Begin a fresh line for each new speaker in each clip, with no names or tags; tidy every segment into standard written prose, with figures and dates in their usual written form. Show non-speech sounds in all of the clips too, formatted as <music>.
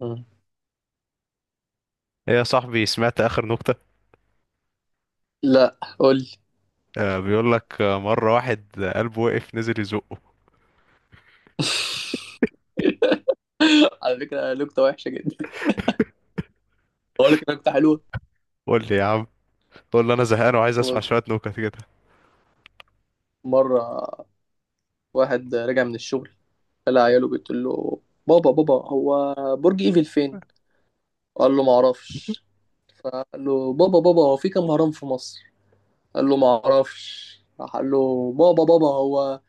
مم.
ايه يا صاحبي، سمعت اخر نكتة؟
لا، قول لي.
آه بيقول لك آه، مرة واحد قلبه وقف نزل يزقه.
<laughs> على فكرة، نكتة وحشة جدا. أقول لك نكتة حلوة.
قول لي يا عم. قول لي، انا زهقان وعايز اسمع
بص،
شوية نكت كده.
مرة واحد رجع من الشغل قال لعياله بتقول له بابا بابا هو برج إيفل فين؟ قال له معرفش. فقال له بابا بابا هو في كام هرم في مصر؟ قال له معرفش. راح قال له بابا بابا هو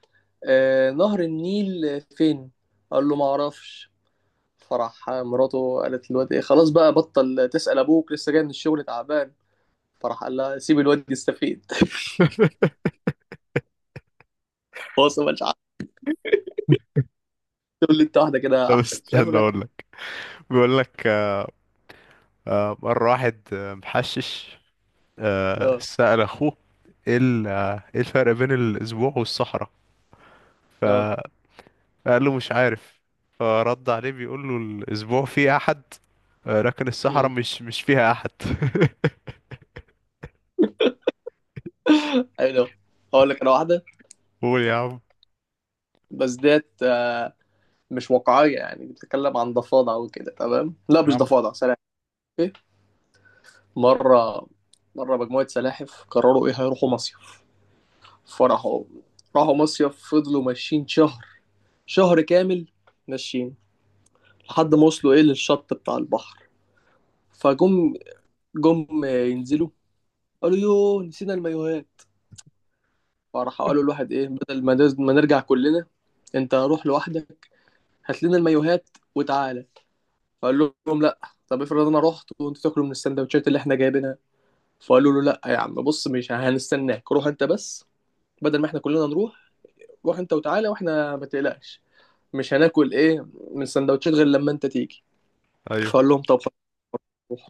نهر النيل فين؟ قال له معرفش. فراح مراته قالت للواد ايه خلاص بقى بطل تسأل ابوك لسه جاي من الشغل تعبان. فراح قال لها سيب الواد يستفيد. <laughs> <applause> هو أصلاً مش عارف.
<laughs>
تقول لي انت واحده كده
طب
احسن، شايف
استنى
انا.
اقول لك. بيقول لك آه آه، واحد محشش
اه،
سأل اخوه: ايه ال- آه، ايه الفرق بين الاسبوع والصحراء؟
اه.
فقال له: مش عارف. فرد عليه بيقول له: الاسبوع فيه احد، لكن الصحراء
أمم.
مش فيها احد.
ايوه، هقول لك انا واحده،
قول يا عم.
بس ديت مش واقعيه، يعني بتتكلم عن ضفادع وكده. تمام، لا،
يا
مش
عم.
ضفادع، سلاحف. ايه؟ مره مره مجموعه سلاحف قرروا ايه، هيروحوا مصيف. فراحوا راحوا مصيف، فضلوا ماشيين شهر، شهر كامل، ماشيين، لحد ما وصلوا ايه للشط بتاع البحر. فجم جم ينزلوا، قالوا يوه نسينا المايوهات. فراح قالوا الواحد ايه، بدل ما ما نرجع كلنا انت روح لوحدك، هات لنا المايوهات وتعالى. فقال لهم لا، طب افرض انا رحت وانتوا تاكلوا من السندوتشات اللي احنا جايبينها. فقالوا له لا يا عم، بص مش هنستناك، روح انت بس، بدل ما احنا كلنا نروح، روح انت وتعالى واحنا ما تقلقش، مش هناكل ايه من السندوتشات غير لما انت تيجي.
ايوه.
فقال لهم طب خلاص، روح.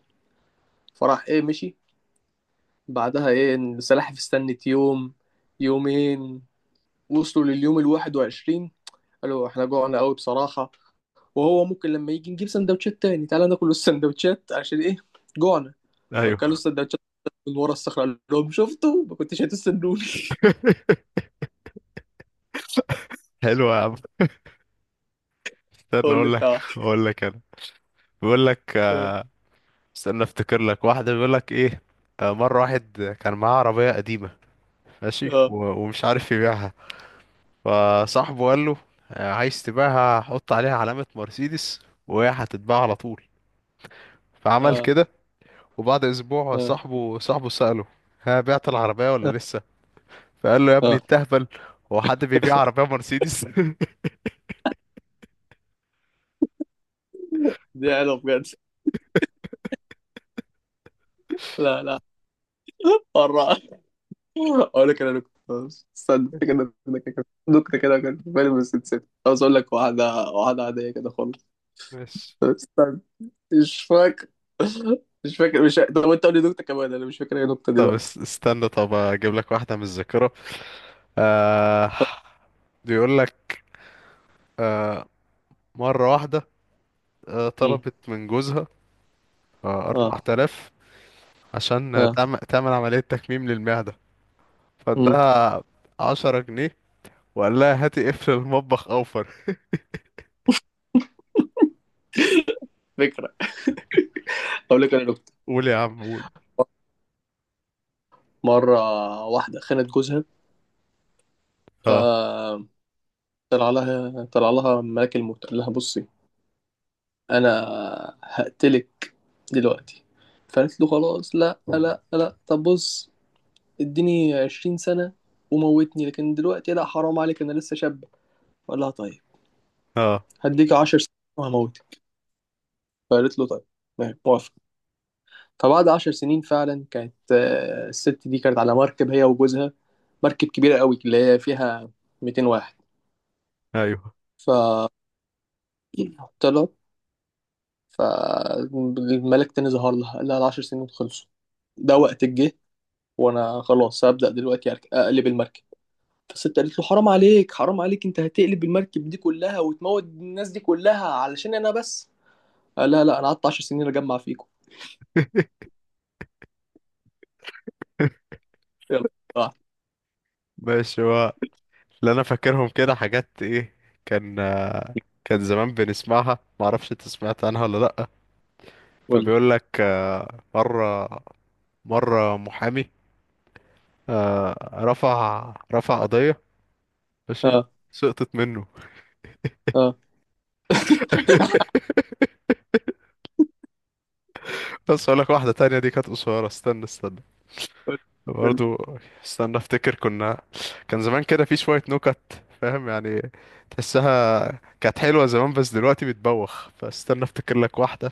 فراح ايه مشي. بعدها ايه السلاحف استنت يوم، يومين، وصلوا لليوم الواحد وعشرين، قالوا احنا جوعنا قوي بصراحة، وهو ممكن لما يجي نجيب سندوتشات تاني، تعالى ناكل السندوتشات عشان ايه؟ جوعنا. فكلوا
ايوه.
السندوتشات. من ورا الصخرة قال لهم شفتوا، ما كنتش هتستنوني. <laughs>
<laughs> حلو يا عم. استنى
هو اللي
اقول لك.
بتاع.
اقول لك انا. بيقول لك آه،
اه،
استنى افتكر لك واحده. بيقول لك ايه، مره واحد كان معاه عربيه قديمه، ماشي
اه،
ومش عارف يبيعها. فصاحبه قال له: عايز تبيعها؟ حط عليها علامه مرسيدس وهي هتتباع على طول. فعمل
اه،
كده. وبعد اسبوع
اه،
صاحبه سأله: ها، بعت العربيه
اه.
ولا لسه؟ فقال له: يا ابني
آه.
التهبل، هو حد بيبيع عربيه مرسيدس؟ <laughs>
دي حلوة بجد. لا، لا. مرة <laughs> اقول لك انا نكتة. استنى افتكر إن أنا نكتة كده كانت في بالي بس نسيت. عاوز اقول لك واحدة، واحدة عادية كده خالص.
ماشي.
استنى، مش فاكر مش فاكر. طب انت قول لي نكتة كمان، انا مش فاكر اي نكتة دلوقتي.
استنى، طب اجيب لك واحده من الذاكره. آه، بيقول لك مرة واحدة
مم.
طلبت من جوزها
اه،
4000 عشان آه،
اه.
تعمل تعمل عملية تكميم للمعدة،
مم.
فادها 10 جنيه وقال لها: هاتي قفل المطبخ أوفر.
فكرة. أقول لك أنا نكتة.
قول يا عم، قول.
مرة واحدة خانت جوزها.
اه.
آه، طلع لها ملاك الموت، قال لها بصي أنا هقتلك دلوقتي. فقالت له خلاص، لا لا لا، طب بص، اديني 20 سنة وموتني، لكن دلوقتي لا، حرام عليك، أنا لسه شاب. قال لها طيب،
اه.
هديك 10 سنين وهموتك. فقالت له طيب، ماشي، موافق. فبعد 10 سنين فعلا كانت الست دي كانت على مركب هي وجوزها، مركب كبيرة قوي اللي هي فيها 200 واحد.
أيوه.
فطلع فالملك تاني ظهر لها، قال لها ال10 سنين خلصوا، ده وقت الجه، وانا خلاص هبدأ دلوقتي اقلب المركب. فالست قالت له حرام عليك، حرام عليك، انت هتقلب المركب دي كلها وتموت الناس دي كلها علشان انا بس؟ قال لها لا، انا قعدت 10 سنين اجمع فيكم.
<laughs>
يلا. آه.
ماشي. هو اللي أنا فاكرهم كده حاجات إيه، كان كان زمان بنسمعها، معرفش أنت سمعت عنها ولا لأ.
قول لي.
فبيقول لك مرة مرة محامي رفع قضية، ماشي،
اه،
سقطت منه.
اه.
<laughs> بس اقول لك واحده تانية، دي كانت قصيره. استنى استنى
قول لي.
برضو. استنى افتكر. كنا كان زمان كده في شويه نكت، فاهم يعني، تحسها كانت حلوه زمان بس دلوقتي بتبوخ. فاستنى افتكر لك واحده.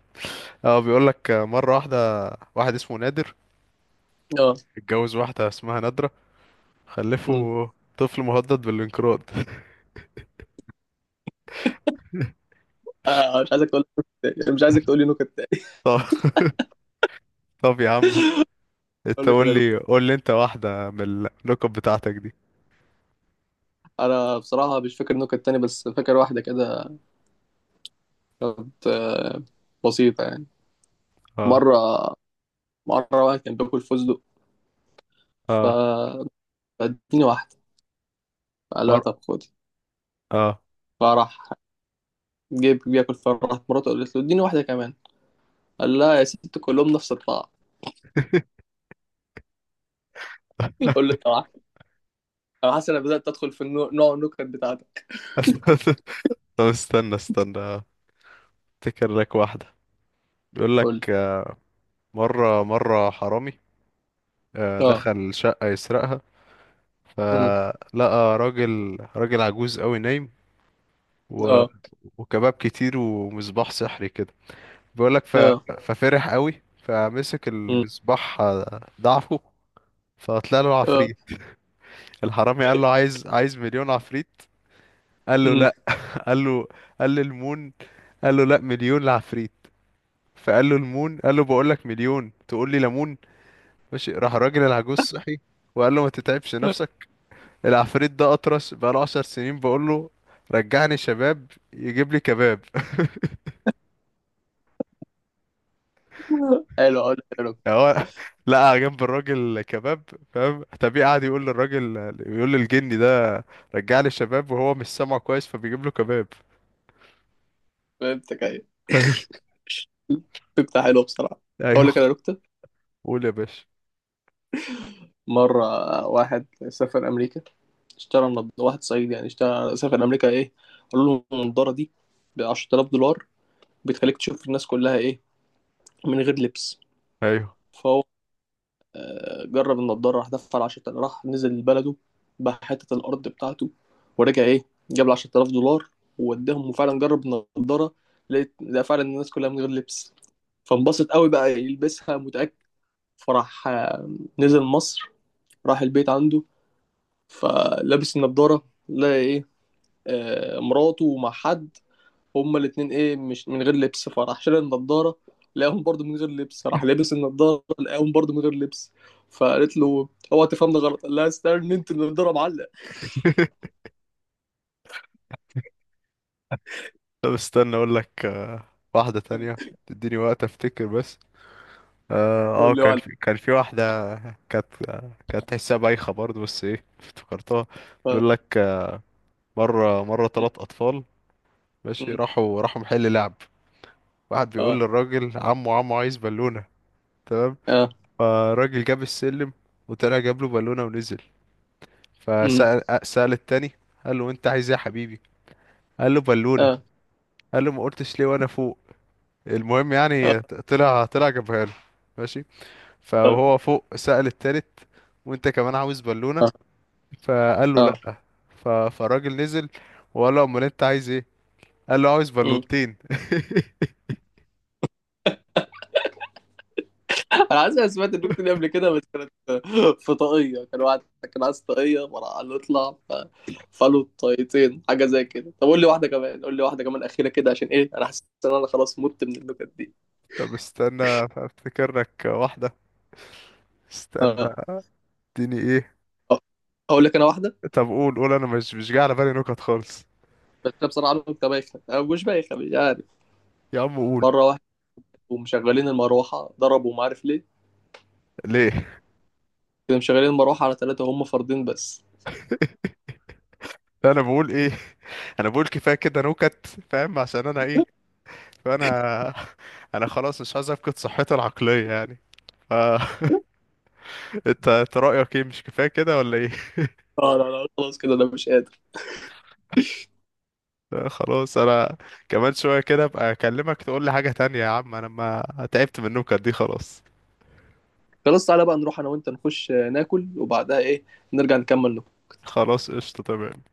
اه، بيقول لك مره واحده، واحد اسمه نادر
اه.
اتجوز واحده اسمها نادره،
أمم.
خلفوا طفل مهدد بالانقراض. <laughs>
مش عايزك تقول، مش عايزك تقول لي نكت تاني.
طب، طب يا عم،
اقول
انت
لك
قول
انا
لي،
نكت.
قول لي انت واحده من النكت بتاعتك دي.
انا بصراحه مش فاكر نكت تاني، بس فاكر واحده كده كانت بسيطة يعني.
اه.
مرة مرة واحد كان باكل فستق،
اه.
فاديني واحدة، قال لها
مر...
طب خدي.
اه.
فراح جيب بياكل، فراحت مراته قالت له اديني واحدة كمان. قال لها يا ست كلهم نفس الطعم. <laughs> قول له
<laughs>
طبعا، انا حاسس انك بدأت تدخل في نوع النكت بتاعتك.
طب استنى استنى، افتكر لك واحدة. بيقول
قول لي.
لك مرة حرامي
اه.
دخل شقة يسرقها،
أمم.
فلقى راجل عجوز قوي نايم و...
اه،
وكباب كتير ومصباح سحري كده. بيقول لك
اه.
ففرح قوي، فمسك
أمم.
المصباح ضعفه، فطلع له
اه.
عفريت. الحرامي قال له: عايز مليون عفريت. قال له:
أمم.
لا. قال له، قال له: المون. قال له: لا، مليون لعفريت. فقال له: المون. قال له: بقول لك مليون، تقول لي ليمون؟ ماشي. راح الراجل العجوز صحي وقال له: ما تتعبش نفسك، العفريت ده اطرش بقاله 10 سنين، بقول له: رجعني شباب، يجيب لي كباب. <laughs>
<laughs> حلو، اقول لك انا نكتة.
هو لقى جنب الراجل كباب، فاهم، طبيعي، قعد يقول للراجل، يقول للجني ده رجع لي شباب، وهو مش سامعه كويس فبيجيب له كباب.
فهمتك، ايوه.
<laughs> ايوه.
<laughs> نكتة حلوة بصراحة. اقول
ايوه.
لك انا نكتة.
قول يا باشا.
مرة واحد سافر امريكا، اشترى واحد صعيدي يعني، اشترى سافر امريكا ايه، قالوا له النضاره دي ب 10,000 دولار، بتخليك تشوف الناس كلها ايه من غير لبس.
ايوه.
فهو جرب النضاره، راح دفع 10,000، راح نزل بلده، باع حته الارض بتاعته ورجع ايه، جاب ال 10,000 دولار ووداهم، وفعلا جرب النضاره، لقى فعلا الناس كلها من غير لبس. فانبسط قوي، بقى يلبسها متاكد. فراح نزل مصر، راح البيت عنده، فلابس النضاره لا ايه، مراته مع حد هما الاتنين ايه مش من غير لبس. فراح شال النضارة لقاهم برضه من غير لبس، راح لابس النضارة لقاهم برضه من غير لبس. فقالت له اوعى تفهمني غلط، قال لها استنى انت النضارة معلق.
<laughs> طب استنى اقول لك واحدة تانية، تديني وقت افتكر بس. اه،
تقول له
كان
معلق.
في كان في واحدة كانت، كانت تحسها بايخة برضه بس ايه، افتكرتها. بيقول لك مرة 3 أطفال، ماشي، راحوا محل لعب. واحد بيقول
اه،
للراجل: عمو، عمو، عايز بالونة. تمام.
اه،
فالراجل جاب السلم وطلع جاب له بالونة ونزل.
م،
فسأل، التاني قال له: انت عايز ايه يا حبيبي؟ قال له: بالونة.
اه،
قال له: ما قلتش ليه وانا فوق؟ المهم،
اه،
يعني طلع جابها له، ماشي.
اه،
فهو فوق سأل التالت: وانت كمان عاوز بالونة؟
اه.
فقال له: لا. فالراجل نزل وقال له: امال انت عايز ايه؟ قال له: عاوز
آه.
بالونتين.
انا عايز، سمعت النكته دي قبل كده بس كانت في طاقيه، كان واحد كان عايز طاقيه، فراح قال له اطلع فقالوا طاقيتين حاجه زي كده. طب قول لي واحده كمان، قول لي واحده كمان اخيره كده عشان ايه، انا حاسس ان انا خلاص مت من النكت دي.
<laughs> طب استنى افتكر لك واحده، استنى
اه.
اديني ايه.
آه. اقول لك انا واحده،
طب قول، قول، انا مش، مش جاي على بالي نكت خالص.
بس انا بصراحه نكته بايخه، انا مش بايخه مش عارف.
يا عم قول.
مره واحد ومشغلين المروحه ضربوا، ما عارف ليه؟
ليه؟
كانوا مشغلين المروحه على ثلاثه هم فردين بس.
<laughs> انا بقول ايه؟ <laughs> انا بقول كفايه كده نكت، فاهم؟ عشان انا ايه، فانا <laughs> انا خلاص مش عايز افقد صحتي العقليه يعني. ف <laughs> انت، انت رايك ايه؟ مش كفايه كده ولا ايه؟
اه، لا لا، خلاص كده انا مش قادر.
لا خلاص. انا كمان شويه كده ابقى اكلمك تقول لي حاجه تانية. يا عم، انا ما، تعبت من النكت دي خلاص.
خلاص، تعالى بقى نروح انا وانت نخش ناكل، وبعدها ايه نرجع نكمل نكت.
خلاص، قشطه، تمام.